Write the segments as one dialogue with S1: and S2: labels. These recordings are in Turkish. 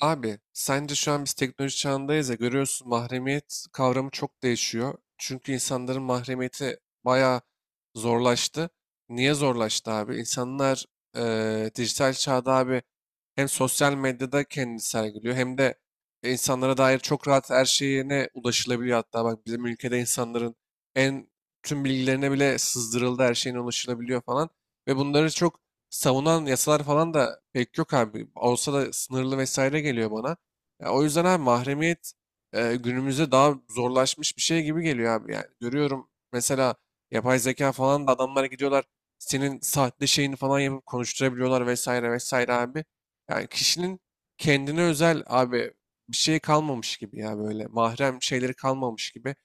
S1: Abi sence şu an biz teknoloji çağındayız ya, görüyorsun, mahremiyet kavramı çok değişiyor. Çünkü insanların mahremiyeti bayağı zorlaştı. Niye zorlaştı abi? İnsanlar dijital çağda abi hem sosyal medyada kendini sergiliyor hem de insanlara dair çok rahat her şeyine ulaşılabiliyor. Hatta bak, bizim ülkede insanların en tüm bilgilerine bile sızdırıldı, her şeyine ulaşılabiliyor falan. Ve bunları çok savunan yasalar falan da pek yok abi. Olsa da sınırlı vesaire geliyor bana. Ya o yüzden abi, mahremiyet günümüzde daha zorlaşmış bir şey gibi geliyor abi yani. Görüyorum mesela, yapay zeka falan da, adamlara gidiyorlar, senin sahte şeyini falan yapıp konuşturabiliyorlar vesaire vesaire abi. Yani kişinin kendine özel abi bir şey kalmamış gibi, ya böyle mahrem şeyleri kalmamış gibi,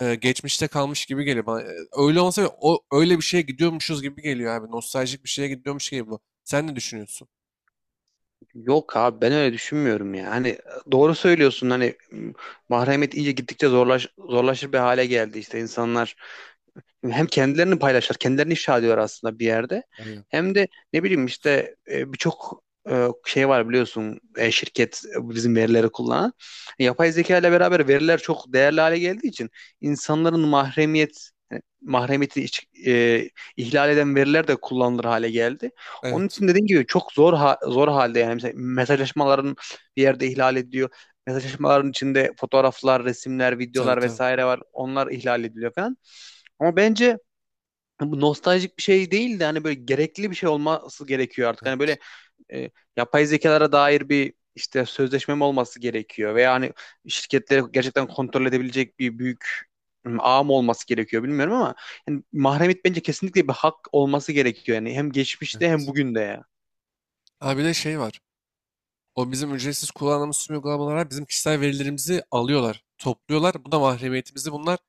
S1: geçmişte kalmış gibi geliyor bana. Öyle olsa bile o, öyle bir şeye gidiyormuşuz gibi geliyor abi. Nostaljik bir şeye gidiyormuş gibi bu. Sen ne düşünüyorsun?
S2: Yok abi ben öyle düşünmüyorum ya. Hani doğru söylüyorsun hani mahremiyet iyice gittikçe zorlaşır bir hale geldi. İşte insanlar hem kendilerini paylaşır, kendilerini ifşa ediyor aslında bir yerde.
S1: Aynen.
S2: Hem de ne bileyim işte birçok şey var biliyorsun şirket bizim verileri kullanan. Yapay zeka ile beraber veriler çok değerli hale geldiği için insanların mahremiyet yani mahremiyeti ihlal eden veriler de kullanılır hale geldi. Onun
S1: Evet.
S2: için dediğim gibi çok zor zor halde yani mesela mesajlaşmaların bir yerde ihlal ediyor. Mesajlaşmaların içinde fotoğraflar, resimler,
S1: Tabii
S2: videolar
S1: tabii.
S2: vesaire var. Onlar ihlal ediliyor falan. Ama bence bu nostaljik bir şey değil de hani böyle gerekli bir şey olması gerekiyor artık. Hani
S1: Evet.
S2: böyle e, yapay zekalara dair bir işte sözleşme mi olması gerekiyor veya hani şirketleri gerçekten kontrol edebilecek bir büyük ağ mı olması gerekiyor bilmiyorum ama yani mahremiyet bence kesinlikle bir hak olması gerekiyor yani hem geçmişte hem
S1: Evet.
S2: bugün de ya.
S1: Abi bir de şey var. O bizim ücretsiz kullandığımız tüm uygulamalara bizim kişisel verilerimizi alıyorlar, topluyorlar. Bu da mahremiyetimizi, bunlar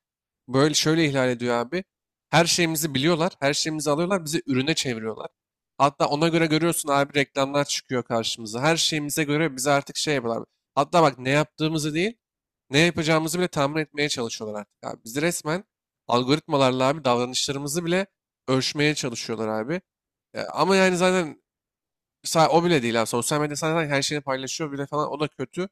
S1: böyle şöyle ihlal ediyor abi. Her şeyimizi biliyorlar, her şeyimizi alıyorlar, bizi ürüne çeviriyorlar. Hatta ona göre görüyorsun abi, reklamlar çıkıyor karşımıza. Her şeyimize göre bize artık şey yapıyorlar. Hatta bak, ne yaptığımızı değil, ne yapacağımızı bile tahmin etmeye çalışıyorlar artık abi. Bizi resmen algoritmalarla abi davranışlarımızı bile ölçmeye çalışıyorlar abi. Ama yani zaten o bile değil abi. Sosyal medyada zaten her şeyini paylaşıyor bile falan. O da kötü.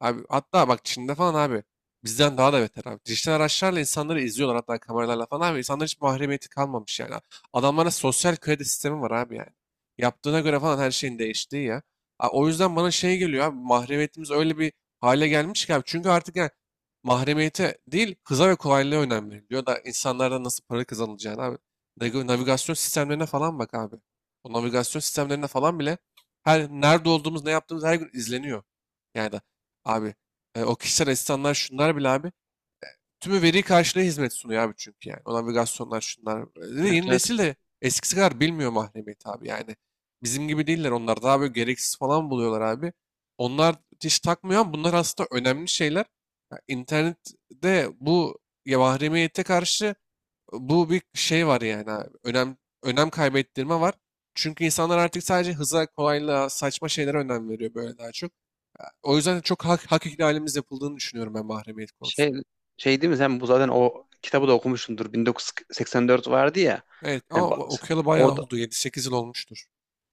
S1: Abi hatta bak, Çin'de falan abi bizden daha da beter abi. Dijital araçlarla insanları izliyorlar, hatta kameralarla falan abi. İnsanların hiç mahremiyeti kalmamış yani. Adamlara sosyal kredi sistemi var abi yani. Yaptığına göre falan her şeyin değiştiği ya. O yüzden bana şey geliyor abi, mahremiyetimiz öyle bir hale gelmiş ki abi. Çünkü artık yani mahremiyete değil, hıza ve kolaylığa önem veriliyor da insanlardan nasıl para kazanılacağını abi. Navigasyon sistemlerine falan bak abi. O navigasyon sistemlerine falan bile her nerede olduğumuz, ne yaptığımız her gün izleniyor. Yani da abi o kişisel asistanlar şunlar bile abi tümü veri karşılığı hizmet sunuyor abi, çünkü yani. O navigasyonlar şunlar.
S2: Evet,
S1: Yeni
S2: evet.
S1: nesil de eskisi kadar bilmiyor mahremiyeti abi yani. Bizim gibi değiller, onlar daha böyle gereksiz falan buluyorlar abi. Onlar hiç takmıyor ama bunlar aslında önemli şeyler. Ya internette bu, ya mahremiyete karşı bu bir şey var yani abi. Önem kaybettirme var. Çünkü insanlar artık sadece hıza, kolaylığa, saçma şeylere önem veriyor böyle daha çok. O yüzden çok hak ihlalimiz yapıldığını düşünüyorum ben mahremiyet
S2: Şey
S1: konusunda.
S2: şey değil mi, sen bu zaten o kitabı da okumuşsundur. 1984 vardı ya.
S1: Evet ama
S2: Hani bak,
S1: okuyalı bayağı
S2: orada
S1: oldu. 7 8 yıl olmuştur.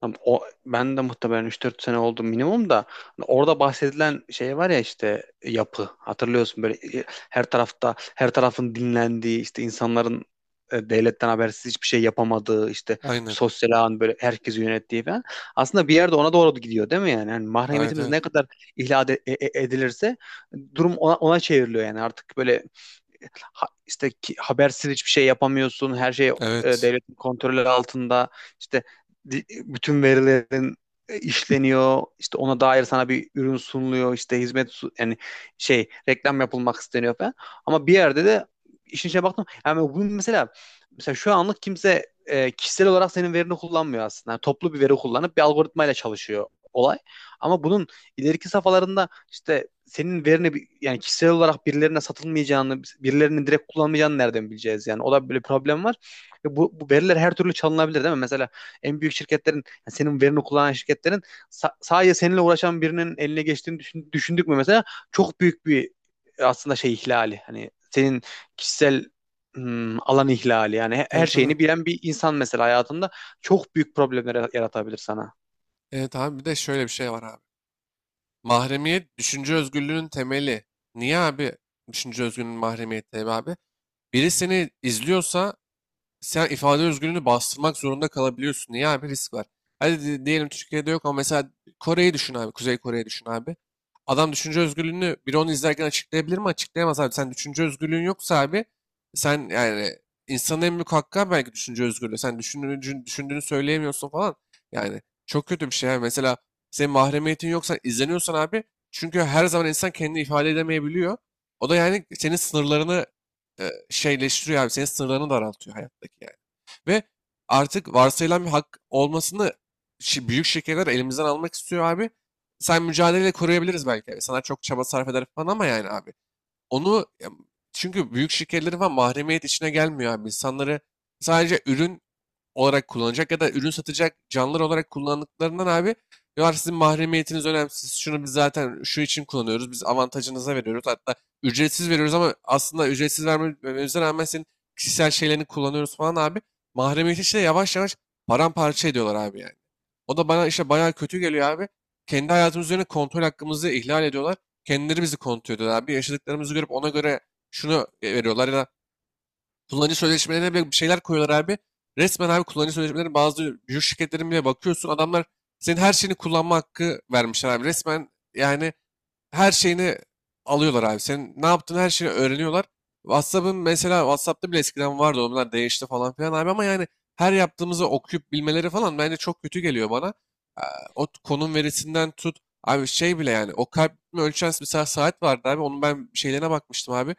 S2: Tam O, ben de muhtemelen üç dört sene oldu minimum da hani orada bahsedilen şey var ya işte yapı hatırlıyorsun böyle her tarafta her tarafın dinlendiği işte insanların devletten habersiz hiçbir şey yapamadığı işte
S1: Aynen.
S2: sosyal ağın böyle herkesi yönettiği falan aslında bir yerde ona doğru gidiyor değil mi? Yani
S1: Evet
S2: mahremiyetimiz
S1: evet.
S2: ne kadar ihlal edilirse durum ona çevriliyor yani artık böyle işte habersiz hiçbir şey yapamıyorsun. Her şey
S1: Evet.
S2: devletin kontrolü altında. İşte bütün verilerin işleniyor. İşte ona dair sana bir ürün sunuluyor. İşte hizmet yani şey reklam yapılmak isteniyor falan. Ama bir yerde de işin içine baktım. Yani bu mesela şu anlık kimse kişisel olarak senin verini kullanmıyor aslında. Yani toplu bir veri kullanıp bir algoritmayla çalışıyor olay. Ama bunun ileriki safhalarında işte senin verini yani kişisel olarak birilerine satılmayacağını, birilerinin direkt kullanmayacağını nereden bileceğiz yani? O da böyle bir problem var. Ve bu veriler her türlü çalınabilir değil mi? Mesela en büyük şirketlerin, yani senin verini kullanan şirketlerin sadece seninle uğraşan birinin eline geçtiğini düşündük mü mesela? Çok büyük bir aslında şey ihlali. Hani senin kişisel alan ihlali. Yani
S1: Tabii
S2: her
S1: tabii.
S2: şeyini bilen bir insan mesela hayatında çok büyük problemler yaratabilir sana.
S1: Evet abi, bir de şöyle bir şey var abi. Mahremiyet düşünce özgürlüğünün temeli. Niye abi düşünce özgürlüğünün mahremiyeti abi? Biri seni izliyorsa sen ifade özgürlüğünü bastırmak zorunda kalabiliyorsun. Niye abi? Risk var. Hadi diyelim Türkiye'de yok, ama mesela Kore'yi düşün abi. Kuzey Kore'yi düşün abi. Adam düşünce özgürlüğünü biri onu izlerken açıklayabilir mi? Açıklayamaz abi. Sen düşünce özgürlüğün yoksa abi, sen yani, insanın en büyük hakkı abi belki düşünce özgürlüğü. Sen düşündüğünü, düşündüğünü söyleyemiyorsun falan. Yani çok kötü bir şey abi. Mesela senin mahremiyetin yoksa, izleniyorsan abi, çünkü her zaman insan kendini ifade edemeyebiliyor. O da yani senin sınırlarını şeyleştiriyor abi. Senin sınırlarını daraltıyor hayattaki yani. Ve artık varsayılan bir hak olmasını büyük şirketler elimizden almak istiyor abi. Sen mücadeleyle koruyabiliriz belki. İnsanlar çok çaba sarf eder falan ama yani abi. Onu ya, çünkü büyük şirketlerin falan mahremiyet içine gelmiyor abi. İnsanları sadece ürün olarak kullanacak ya da ürün satacak canlılar olarak kullandıklarından abi diyorlar sizin mahremiyetiniz önemsiz. Şunu biz zaten şu için kullanıyoruz. Biz avantajınıza veriyoruz. Hatta ücretsiz veriyoruz ama aslında ücretsiz vermemize rağmen senin kişisel şeylerini kullanıyoruz falan abi. Mahremiyeti işte yavaş yavaş paramparça ediyorlar abi yani. O da bana işte bayağı kötü geliyor abi. Kendi hayatımız üzerine kontrol hakkımızı ihlal ediyorlar. Kendileri bizi kontrol ediyorlar abi. Yaşadıklarımızı görüp ona göre şunu veriyorlar ya da kullanıcı sözleşmelerine bile bir şeyler koyuyorlar abi. Resmen abi, kullanıcı sözleşmelerine bazı büyük şirketlerin bile bakıyorsun. Adamlar senin her şeyini kullanma hakkı vermişler abi. Resmen yani her şeyini alıyorlar abi. Senin ne yaptığını, her şeyi öğreniyorlar. WhatsApp'ın mesela, WhatsApp'ta bile eskiden vardı, onlar değişti falan filan abi, ama yani her yaptığımızı okuyup bilmeleri falan bence çok kötü geliyor bana. Ee, O konum verisinden tut. Abi şey bile, yani o kalp ritmi ölçen mesela saat vardı abi. Onun ben şeylerine bakmıştım abi.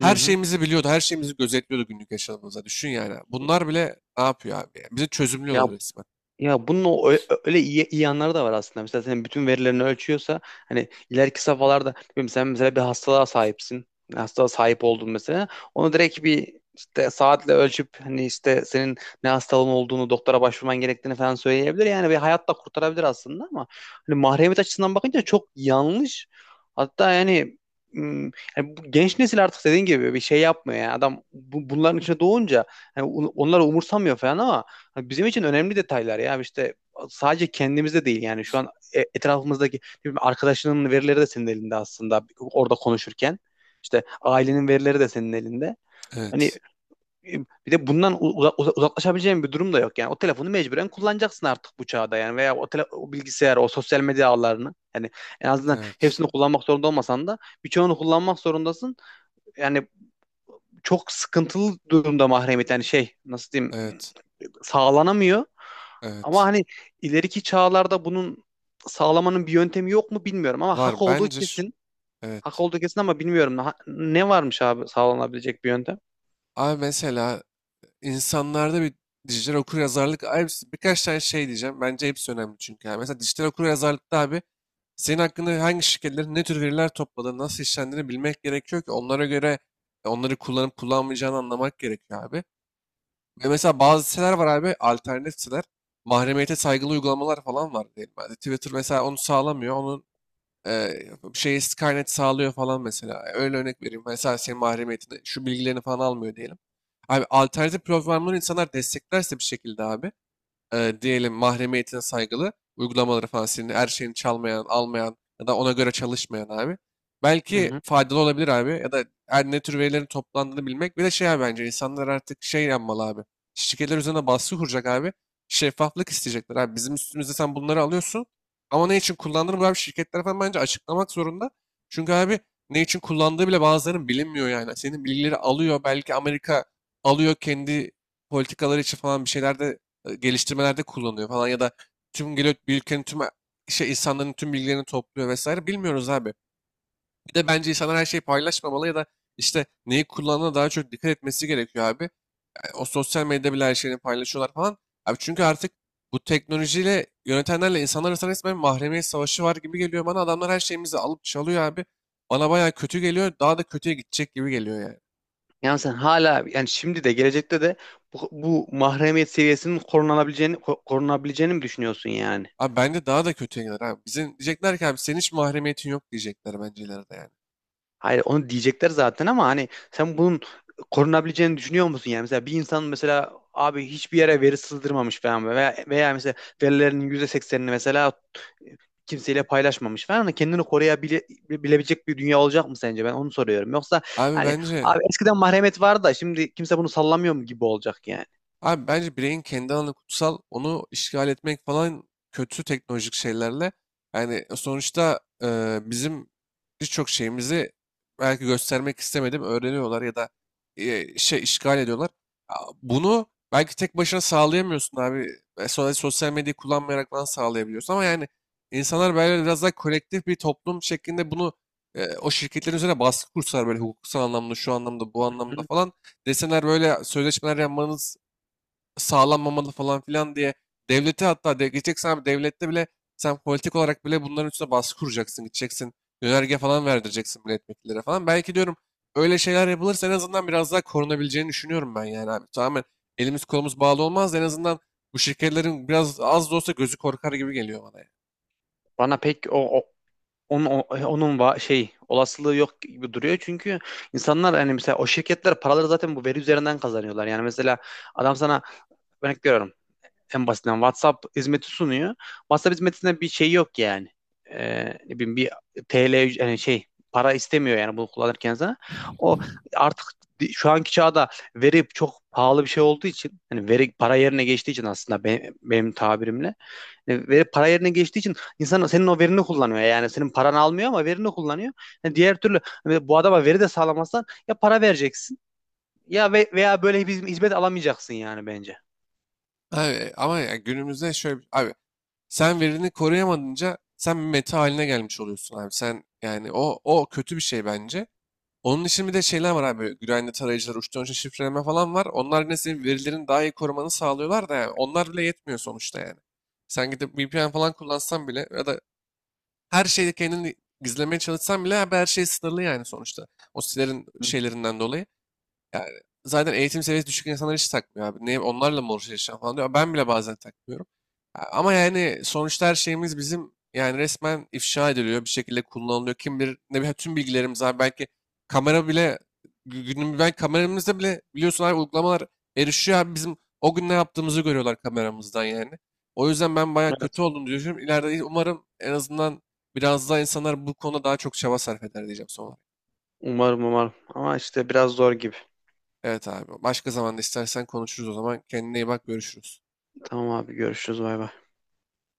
S2: Hı
S1: Her
S2: hı.
S1: şeyimizi biliyordu, her şeyimizi gözetliyordu günlük yaşamımıza. Düşün yani. Bunlar bile ne yapıyor abi? Ya? Bizi
S2: Ya
S1: çözümlüyorlar resmen.
S2: Ya bunun öyle iyi yanları da var aslında. Mesela senin bütün verilerini ölçüyorsa hani ileriki safhalarda bilmiyorum, sen mesela bir hastalığa sahipsin. Hastalığa sahip oldun mesela. Onu direkt bir işte saatle ölçüp hani işte senin ne hastalığın olduğunu, doktora başvurman gerektiğini falan söyleyebilir. Yani bir hayat da kurtarabilir aslında ama hani mahremiyet açısından bakınca çok yanlış. Hatta yani ım, yani bu genç nesil artık dediğin gibi bir şey yapmıyor yani adam bunların içine doğunca yani onları umursamıyor falan ama Ha, bizim için önemli detaylar ya işte sadece kendimizde değil yani şu an etrafımızdaki ne bileyim, arkadaşının verileri de senin elinde aslında orada konuşurken işte ailenin verileri de senin elinde. Hani
S1: Evet,
S2: e, bir de bundan uzaklaşabileceğin bir durum da yok yani o telefonu mecburen kullanacaksın artık bu çağda yani veya o bilgisayar, o sosyal medya ağlarını yani en azından
S1: evet,
S2: hepsini kullanmak zorunda olmasan da birçoğunu kullanmak zorundasın. Yani çok sıkıntılı durumda mahremiyet, yani şey nasıl diyeyim,
S1: evet,
S2: sağlanamıyor. Ama
S1: evet.
S2: hani ileriki çağlarda bunun sağlamanın bir yöntemi yok mu bilmiyorum ama hak
S1: Var
S2: olduğu
S1: bence.
S2: kesin. Hak
S1: Evet.
S2: olduğu kesin ama bilmiyorum. Ne varmış abi sağlanabilecek bir yöntem?
S1: Abi mesela, insanlarda bir dijital okuryazarlık abi, birkaç tane şey diyeceğim. Bence hepsi önemli çünkü. Yani. Mesela dijital okuryazarlıkta abi, senin hakkında hangi şirketlerin ne tür veriler topladığını, nasıl işlendiğini bilmek gerekiyor ki onlara göre onları kullanıp kullanmayacağını anlamak gerekiyor abi. Ve mesela bazı siteler var abi, alternatif siteler. Mahremiyete saygılı uygulamalar falan var diyelim. Yani Twitter mesela onu sağlamıyor. Onun e, şeyi Skynet sağlıyor falan mesela. Öyle örnek vereyim. Mesela senin mahremiyetini, şu bilgilerini falan almıyor diyelim. Abi alternatif platformları insanlar desteklerse bir şekilde abi, diyelim mahremiyetine saygılı uygulamaları falan, senin her şeyini çalmayan, almayan ya da ona göre çalışmayan abi.
S2: Hı
S1: Belki
S2: hı.
S1: faydalı olabilir abi, ya da her ne tür verilerin toplandığını bilmek. Bir de şey abi, bence insanlar artık şey yapmalı abi. Şirketler üzerine baskı kuracak abi. Şeffaflık isteyecekler abi. Bizim üstümüzde sen bunları alıyorsun ama ne için kullandığını bu abi şirketler falan bence açıklamak zorunda. Çünkü abi, ne için kullandığı bile bazılarının bilinmiyor yani. Senin bilgileri alıyor belki Amerika, alıyor kendi politikaları için falan bir şeyler de geliştirmelerde kullanıyor falan, ya da tüm geliyor bir ülkenin tüm şey insanların tüm bilgilerini topluyor vesaire, bilmiyoruz abi. Bir de bence insanlar her şeyi paylaşmamalı, ya da işte neyi kullandığına daha çok dikkat etmesi gerekiyor abi. Yani o sosyal medyada bile her şeyini paylaşıyorlar falan. Abi çünkü artık bu teknolojiyle yönetenlerle insanlar arasında resmen mahremiyet savaşı var gibi geliyor bana. Adamlar her şeyimizi alıp çalıyor abi. Bana bayağı kötü geliyor. Daha da kötüye gidecek gibi geliyor yani.
S2: Yani sen hala yani şimdi de gelecekte de bu mahremiyet seviyesinin korunabileceğini korunabileceğini mi düşünüyorsun yani?
S1: Abi bence daha da kötüye gider abi. Bizim diyecekler ki abi, senin hiç mahremiyetin yok diyecekler bence ileride yani.
S2: Hayır onu diyecekler zaten ama hani sen bunun korunabileceğini düşünüyor musun? Yani mesela bir insan mesela abi hiçbir yere veri sızdırmamış falan veya mesela verilerinin %80'ini mesela kimseyle paylaşmamış falan da kendini koruyabilecek bir dünya olacak mı sence? Ben onu soruyorum. Yoksa
S1: Abi
S2: hani
S1: bence
S2: abi eskiden mahremet vardı da şimdi kimse bunu sallamıyor mu gibi olacak yani.
S1: Abi bence bireyin kendi alanı kutsal. Onu işgal etmek falan, kötü teknolojik şeylerle. Yani sonuçta bizim birçok şeyimizi belki göstermek istemedim öğreniyorlar ya da şey işgal ediyorlar. Bunu belki tek başına sağlayamıyorsun abi. Sonra sosyal medyayı kullanmayarak falan sağlayabiliyorsun. Ama yani insanlar böyle biraz daha kolektif bir toplum şeklinde bunu o şirketlerin üzerine baskı kursalar böyle hukuksal anlamda, şu anlamda, bu anlamda
S2: Hı.
S1: falan, deseler böyle sözleşmeler yapmanız sağlanmamalı falan filan diye, devleti hatta gideceksen abi devlette bile sen politik olarak bile bunların üstüne baskı kuracaksın. Gideceksin yönerge falan verdireceksin milletvekillere falan. Belki diyorum, öyle şeyler yapılırsa en azından biraz daha korunabileceğini düşünüyorum ben yani abi. Tamamen elimiz kolumuz bağlı olmaz da en azından bu şirketlerin biraz az da olsa gözü korkar gibi geliyor bana yani.
S2: Bana pek Onun, onun şey olasılığı yok gibi duruyor. Çünkü insanlar hani mesela o şirketler paraları zaten bu veri üzerinden kazanıyorlar. Yani mesela adam sana örnek veriyorum, en basitinden WhatsApp hizmeti sunuyor. WhatsApp hizmetinde bir şey yok yani. Ne bileyim, bir TL yani şey para istemiyor yani bunu kullanırken sana. O artık şu anki çağda veri çok pahalı bir şey olduğu için, hani veri para yerine geçtiği için aslında benim tabirimle veri para yerine geçtiği için insan senin o verini kullanıyor. Yani senin paranı almıyor ama verini kullanıyor. Yani diğer türlü hani bu adama veri de sağlamazsan ya para vereceksin ya veya böyle bir hizmet alamayacaksın yani bence.
S1: Abi, ama ya günümüzde şöyle abi, sen verini koruyamadınca sen bir meta haline gelmiş oluyorsun abi. Sen yani o, o kötü bir şey bence. Onun için bir de şeyler var abi. Güvenli tarayıcılar, uçtan uca şifreleme falan var. Onlar yine senin verilerini daha iyi korumanı sağlıyorlar da yani. Onlar bile yetmiyor sonuçta yani. Sen gidip VPN falan kullansan bile ya da her şeyi kendini gizlemeye çalışsan bile abi, her şey sınırlı yani sonuçta. O sitelerin
S2: Hı,
S1: şeylerinden dolayı. Yani zaten eğitim seviyesi düşük insanlar hiç takmıyor abi. Ne, onlarla mı uğraşacağım falan diyor. Ben bile bazen takmıyorum. Ama yani sonuçta her şeyimiz bizim yani resmen ifşa ediliyor. Bir şekilde kullanılıyor. Kim bilir, ne bileyim, tüm bilgilerimiz abi. Belki kamera bile günüm ben, kameramızda bile biliyorsun abi uygulamalar erişiyor abi. Bizim o gün ne yaptığımızı görüyorlar kameramızdan yani. O yüzden ben bayağı kötü
S2: evet.
S1: oldum diyorum. İleride umarım en azından biraz daha insanlar bu konuda daha çok çaba sarf eder diyeceğim sonra.
S2: Umarım, umarım. Ama işte biraz zor gibi.
S1: Evet abi. Başka zaman da istersen konuşuruz o zaman. Kendine iyi bak. Görüşürüz.
S2: Tamam abi, görüşürüz, bay bay.